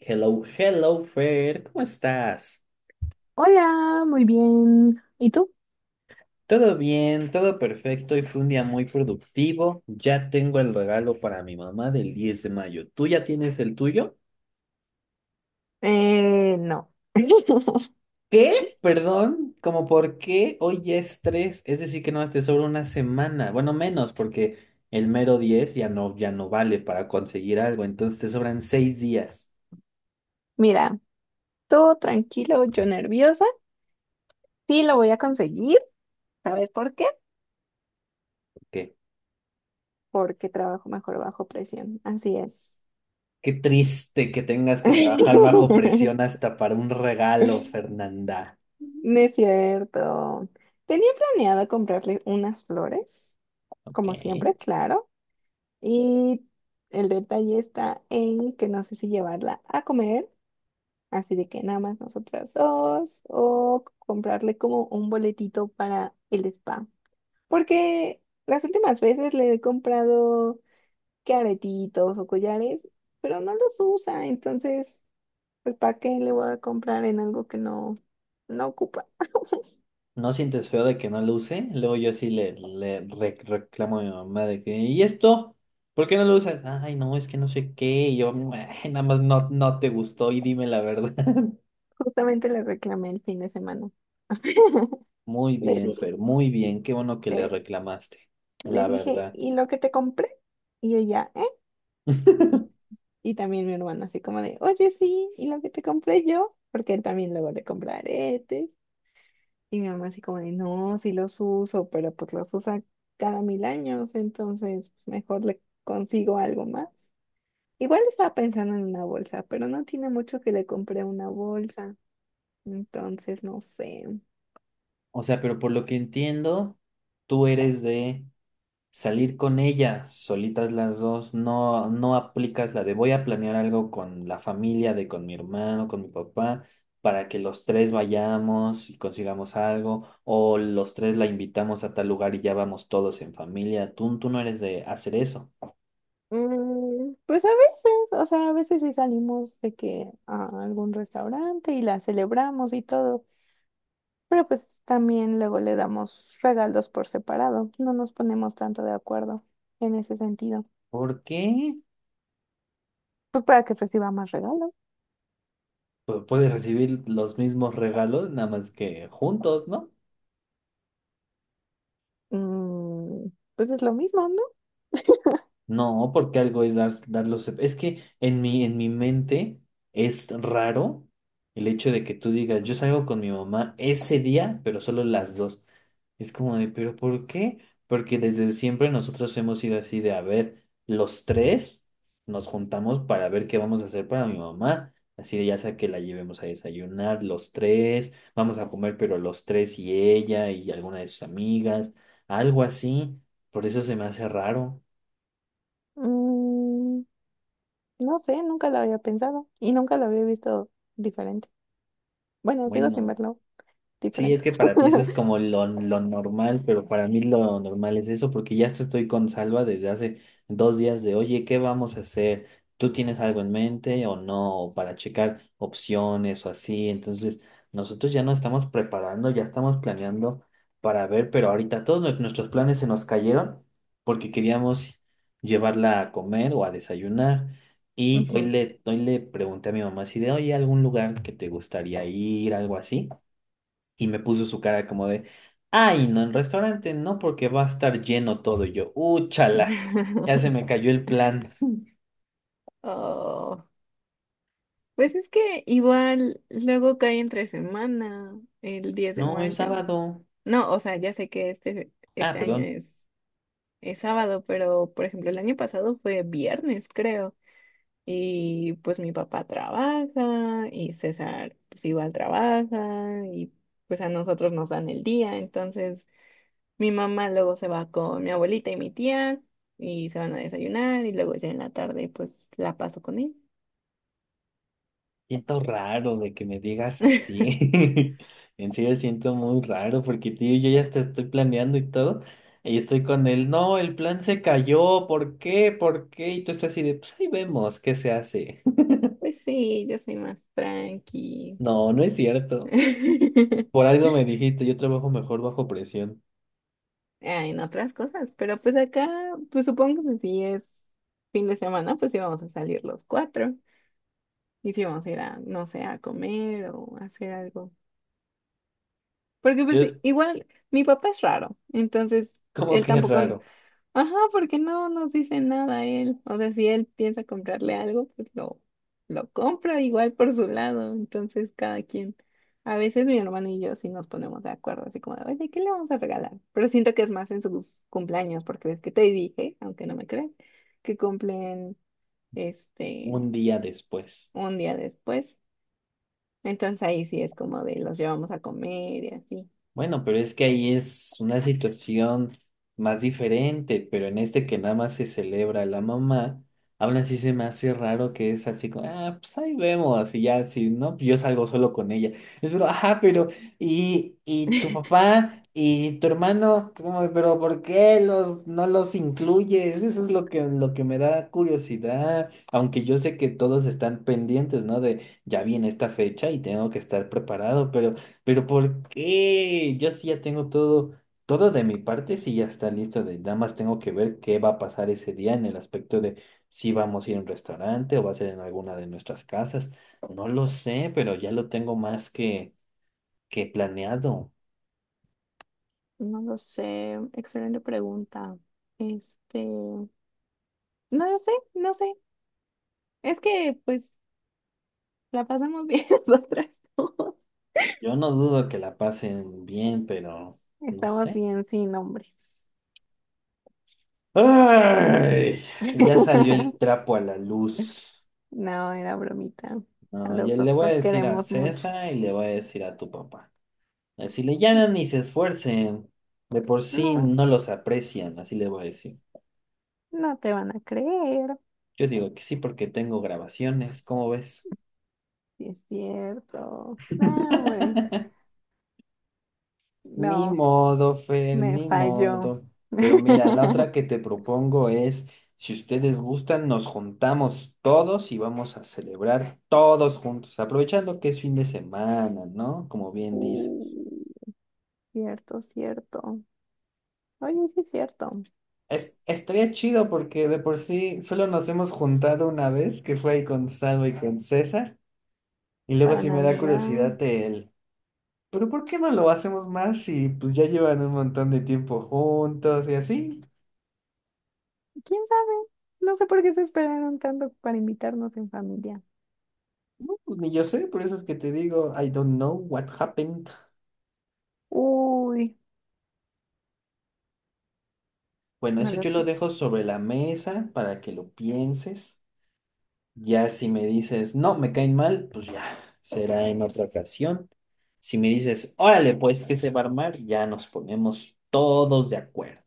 Hello, hello, Fer, ¿cómo estás? Hola, muy bien. ¿Y tú? Todo bien, todo perfecto y fue un día muy productivo. Ya tengo el regalo para mi mamá del 10 de mayo. ¿Tú ya tienes el tuyo? No. ¿Qué? Perdón, ¿cómo por qué? Hoy ya es 3. Es decir que no, te sobra una semana. Bueno, menos porque el mero 10 ya no, vale para conseguir algo, entonces te sobran 6 días. Mira, todo tranquilo, yo nerviosa. Sí, lo voy a conseguir. ¿Sabes por qué? ¿Qué? Porque trabajo mejor bajo presión. Así es. Qué triste que tengas que trabajar bajo presión hasta para un regalo, Fernanda. No es cierto. Tenía planeado comprarle unas flores, Ok. como siempre, claro. Y el detalle está en que no sé si llevarla a comer, así de que nada más nosotras dos, o comprarle como un boletito para el spa. Porque las últimas veces le he comprado que aretitos o collares, pero no los usa, entonces, pues ¿para qué le voy a comprar en algo que no ocupa? ¿No sientes feo de que no lo use? Luego yo sí le reclamo a mi mamá de que, ¿y esto? ¿Por qué no lo usas? Ay, no, es que no sé qué. Y yo, "Ay, nada más no, no te gustó y dime la verdad." Justamente le reclamé el fin de semana. Muy Le bien, di- Fer, muy bien. Qué bueno que le le, reclamaste, le la dije, verdad. ¿y lo que te compré? Y ella, ¿eh? Y también mi hermano, así como de, oye, sí, y lo que te compré yo, porque él también luego le compra aretes. Y mi mamá, así como de, no, sí los uso, pero pues los usa cada mil años, entonces pues mejor le consigo algo más. Igual estaba pensando en una bolsa, pero no tiene mucho que le compré una bolsa, entonces no sé. O sea, pero por lo que entiendo, tú eres de salir con ella, solitas las dos, no, no aplicas la de voy a planear algo con la familia, de con mi hermano, con mi papá, para que los tres vayamos y consigamos algo, o los tres la invitamos a tal lugar y ya vamos todos en familia. Tú no eres de hacer eso. Pues a veces, o sea, a veces sí salimos de que a algún restaurante y la celebramos y todo. Pero pues también luego le damos regalos por separado. No nos ponemos tanto de acuerdo en ese sentido. ¿Por qué? Pues para que reciba más regalos. Pues puedes recibir los mismos regalos, nada más que juntos, ¿no? Mm, pues es lo mismo, ¿no? No, porque algo es dar los. Es que en mi mente es raro el hecho de que tú digas, yo salgo con mi mamá ese día, pero solo las dos. Es como de, ¿pero por qué? Porque desde siempre nosotros hemos sido así de, a ver, los tres nos juntamos para ver qué vamos a hacer para mi mamá. Así de, ya sea que la llevemos a desayunar, los tres, vamos a comer, pero los tres y ella y alguna de sus amigas, algo así. Por eso se me hace raro. Mm, no sé, nunca lo había pensado y nunca lo había visto diferente. Bueno, sigo sin Bueno, verlo sí, es diferente. que para ti eso es como lo normal, pero para mí lo normal es eso, porque ya te estoy con Salva desde hace 2 días de, oye, ¿qué vamos a hacer? ¿Tú tienes algo en mente o no? O para checar opciones o así. Entonces, nosotros ya nos estamos preparando, ya estamos planeando para ver, pero ahorita todos nuestros planes se nos cayeron porque queríamos llevarla a comer o a desayunar. Y hoy Ujú. le, hoy le pregunté a mi mamá si de, oye, algún lugar que te gustaría ir, algo así. Y me puso su cara como de, ay, no, en restaurante no, porque va a estar lleno todo. Y yo, úchala, ya se me cayó el plan. Oh, pues es que igual luego cae entre semana, el 10 de No, es mayo. sábado. No, o sea, ya sé que Ah, este año perdón, es sábado, pero por ejemplo el año pasado fue viernes, creo. Y pues mi papá trabaja y César pues igual trabaja y pues a nosotros nos dan el día. Entonces mi mamá luego se va con mi abuelita y mi tía y se van a desayunar y luego ya en la tarde pues la paso con él. siento raro de que me digas así. En serio, siento muy raro porque, tío, yo ya hasta estoy planeando y todo. Y estoy con él, no, el plan se cayó, ¿por qué? ¿Por qué? Y tú estás así de, pues ahí vemos, ¿qué se hace? Pues sí, yo soy más tranqui. No, no es cierto. Por algo me dijiste, yo trabajo mejor bajo presión. Ah, en otras cosas, pero pues acá, pues supongo que si es fin de semana, pues íbamos a salir los cuatro y si íbamos a ir a, no sé, a comer o a hacer algo. Porque pues Yo, igual mi papá es raro, entonces como él que es tampoco. raro. Ajá, porque no nos dice nada a él. O sea, si él piensa comprarle algo, lo compra igual por su lado. Entonces, cada quien. A veces mi hermano y yo sí nos ponemos de acuerdo, así como de, oye, ¿qué le vamos a regalar? Pero siento que es más en sus cumpleaños, porque ves que te dije, aunque no me creas, que cumplen este Un día después. un día después. Entonces ahí sí es como de los llevamos a comer y así. Bueno, pero es que ahí es una situación más diferente, pero en este que nada más se celebra la mamá, aún así se me hace raro que es así como, ah, pues ahí vemos, y ya, si no, pues yo salgo solo con ella. Es pero, ajá, pero, y tu papá y tu hermano, como, pero ¿por qué no los incluyes? Eso es lo que me da curiosidad, aunque yo sé que todos están pendientes, ¿no? De ya viene esta fecha y tengo que estar preparado, pero. Pero ¿por qué? Yo sí ya tengo todo, todo de mi parte, sí ya está listo de, nada más tengo que ver qué va a pasar ese día en el aspecto de si vamos a ir a un restaurante o va a ser en alguna de nuestras casas. No lo sé, pero ya lo tengo más que planeado. No lo sé, excelente pregunta. No lo sé, no sé. Es que pues la pasamos bien nosotras dos. Yo no dudo que la pasen bien, pero no Estamos sé. bien sin nombres. ¡Ay! Ya salió el trapo a la luz. No, era bromita. A No, los ya le dos voy a los decir a queremos mucho. César y le voy a decir a tu papá. Así le llaman y se esfuercen. De por sí No, no los aprecian, así le voy a decir. no te van a creer. Yo digo que sí porque tengo grabaciones, ¿cómo ves? Sí es cierto. No, hombre. Ni No, modo, Fer, me ni falló. modo. Pero mira, la otra que te propongo es, si ustedes gustan, nos juntamos todos y vamos a celebrar todos juntos, aprovechando que es fin de semana, ¿no? Como bien Uh, dices. cierto, cierto. Oye, sí es cierto. Estaría chido porque de por sí solo nos hemos juntado una vez, que fue ahí con Salvo y con César. Y luego Para sí me da Navidad. curiosidad el, pero ¿por qué no lo hacemos más si pues ya llevan un montón de tiempo juntos y así? ¿Quién sabe? No sé por qué se esperaron tanto para invitarnos en familia. No, pues ni yo sé, por eso es que te digo, I don't know what happened. Uy, Bueno, no eso lo yo lo sé. dejo sobre la mesa para que lo pienses. Ya si me dices, no, me caen mal, pues ya, será en otra ocasión. Si me dices, órale, pues que se va a armar, ya nos ponemos todos de acuerdo.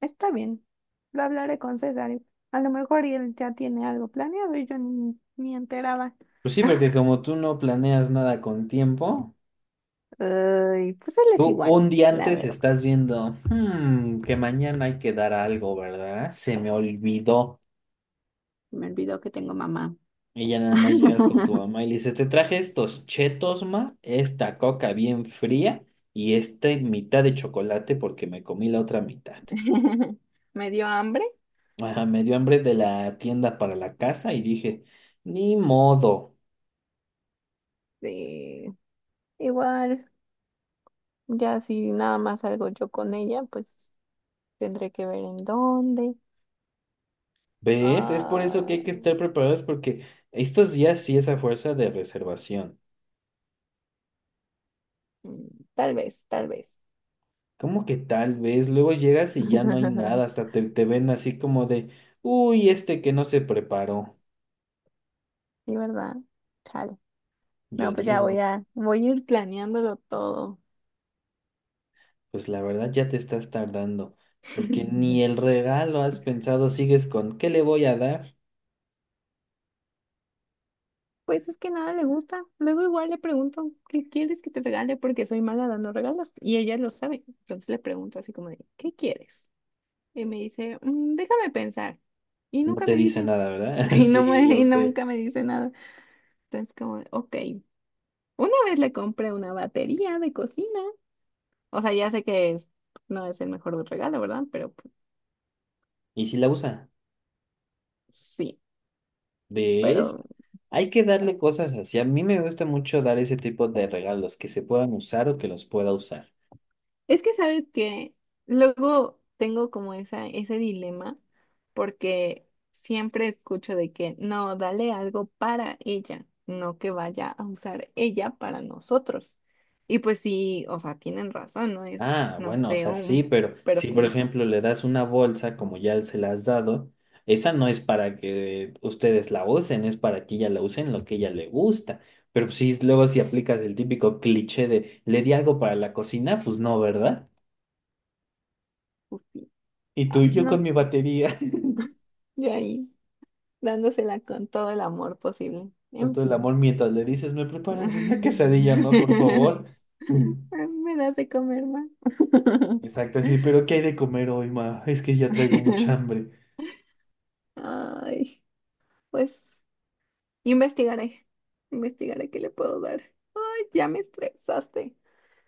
Está bien. Lo hablaré con César. Y a lo mejor y él ya tiene algo planeado y yo ni enterada. Pues sí, porque como tú no planeas nada con tiempo. Ay, pues él Tú es igual, un día la antes verdad. estás viendo, que mañana hay que dar algo, ¿verdad? Se me olvidó." Me olvidó que tengo mamá. Y ya nada más llegas con tu mamá y le dices, te traje estos chetos, ma, esta coca bien fría y esta mitad de chocolate porque me comí la otra mitad. Me dio hambre. Ajá, me dio hambre de la tienda para la casa y dije, ni modo. Sí. Igual, ya si nada más salgo yo con ella, pues tendré que ver en dónde. ¿Ves? Es por eso que Ah, hay que estar preparados porque estos días sí es a fuerza de reservación. mm, tal vez, tal vez. ¿Como que tal vez? Luego llegas y ya no hay nada, hasta te ven así como de, uy, este que no se preparó. Sí, ¿verdad? Chale. Yo No, pues digo, voy a ir planeándolo todo. pues la verdad ya te estás tardando, porque ni el regalo has pensado, sigues con, ¿qué le voy a dar? Pues es que nada le gusta. Luego igual le pregunto, ¿qué quieres que te regale? Porque soy mala dando regalos y ella lo sabe. Entonces le pregunto así como de, ¿qué quieres? Y me dice, "Mm, déjame pensar." Y No nunca te me dice dice, nada, ¿verdad? Sí, lo y sé. nunca me dice nada. Entonces como, de, ok, una vez le compré una batería de cocina. O sea, ya sé que no es el mejor regalo, ¿verdad? Pero pues, ¿Y si la usa? sí, ¿Ves? pero Hay que darle cosas así. A mí me gusta mucho dar ese tipo de regalos, que se puedan usar o que los pueda usar. es que sabes que luego tengo como ese dilema porque siempre escucho de que no, dale algo para ella, no que vaya a usar ella para nosotros. Y pues sí, o sea, tienen razón, no es, Ah, no bueno, o sé, sea, sí, un pero si por perfumito. ejemplo le das una bolsa como ya se la has dado, esa no es para que ustedes la usen, es para que ella la use en lo que ella le gusta. Pero si luego si aplicas el típico cliché de le di algo para la cocina, pues no, ¿verdad? Ufi. Y tú, Ay, yo no con mi sé, batería, yo ahí dándosela con todo el amor posible. con En todo el fin. amor, mientras le dices, ¿me preparas una quesadilla, ma, por favor? Me das de comer más. Mm. Exacto, sí, pero ¿qué hay de comer hoy, ma? Es que ya traigo mucha hambre. Ay. Pues investigaré, investigaré qué le puedo dar. Ay, ya me estresaste.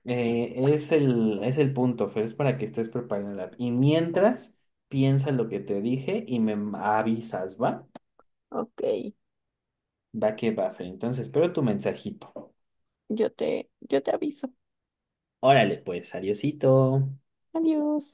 Es el punto, Fer, es para que estés preparada. Y mientras, piensa lo que te dije y me avisas, ¿va? Ok, Va que va, Fer. Entonces, espero tu mensajito. Yo te aviso. Órale, pues, adiosito. Adiós.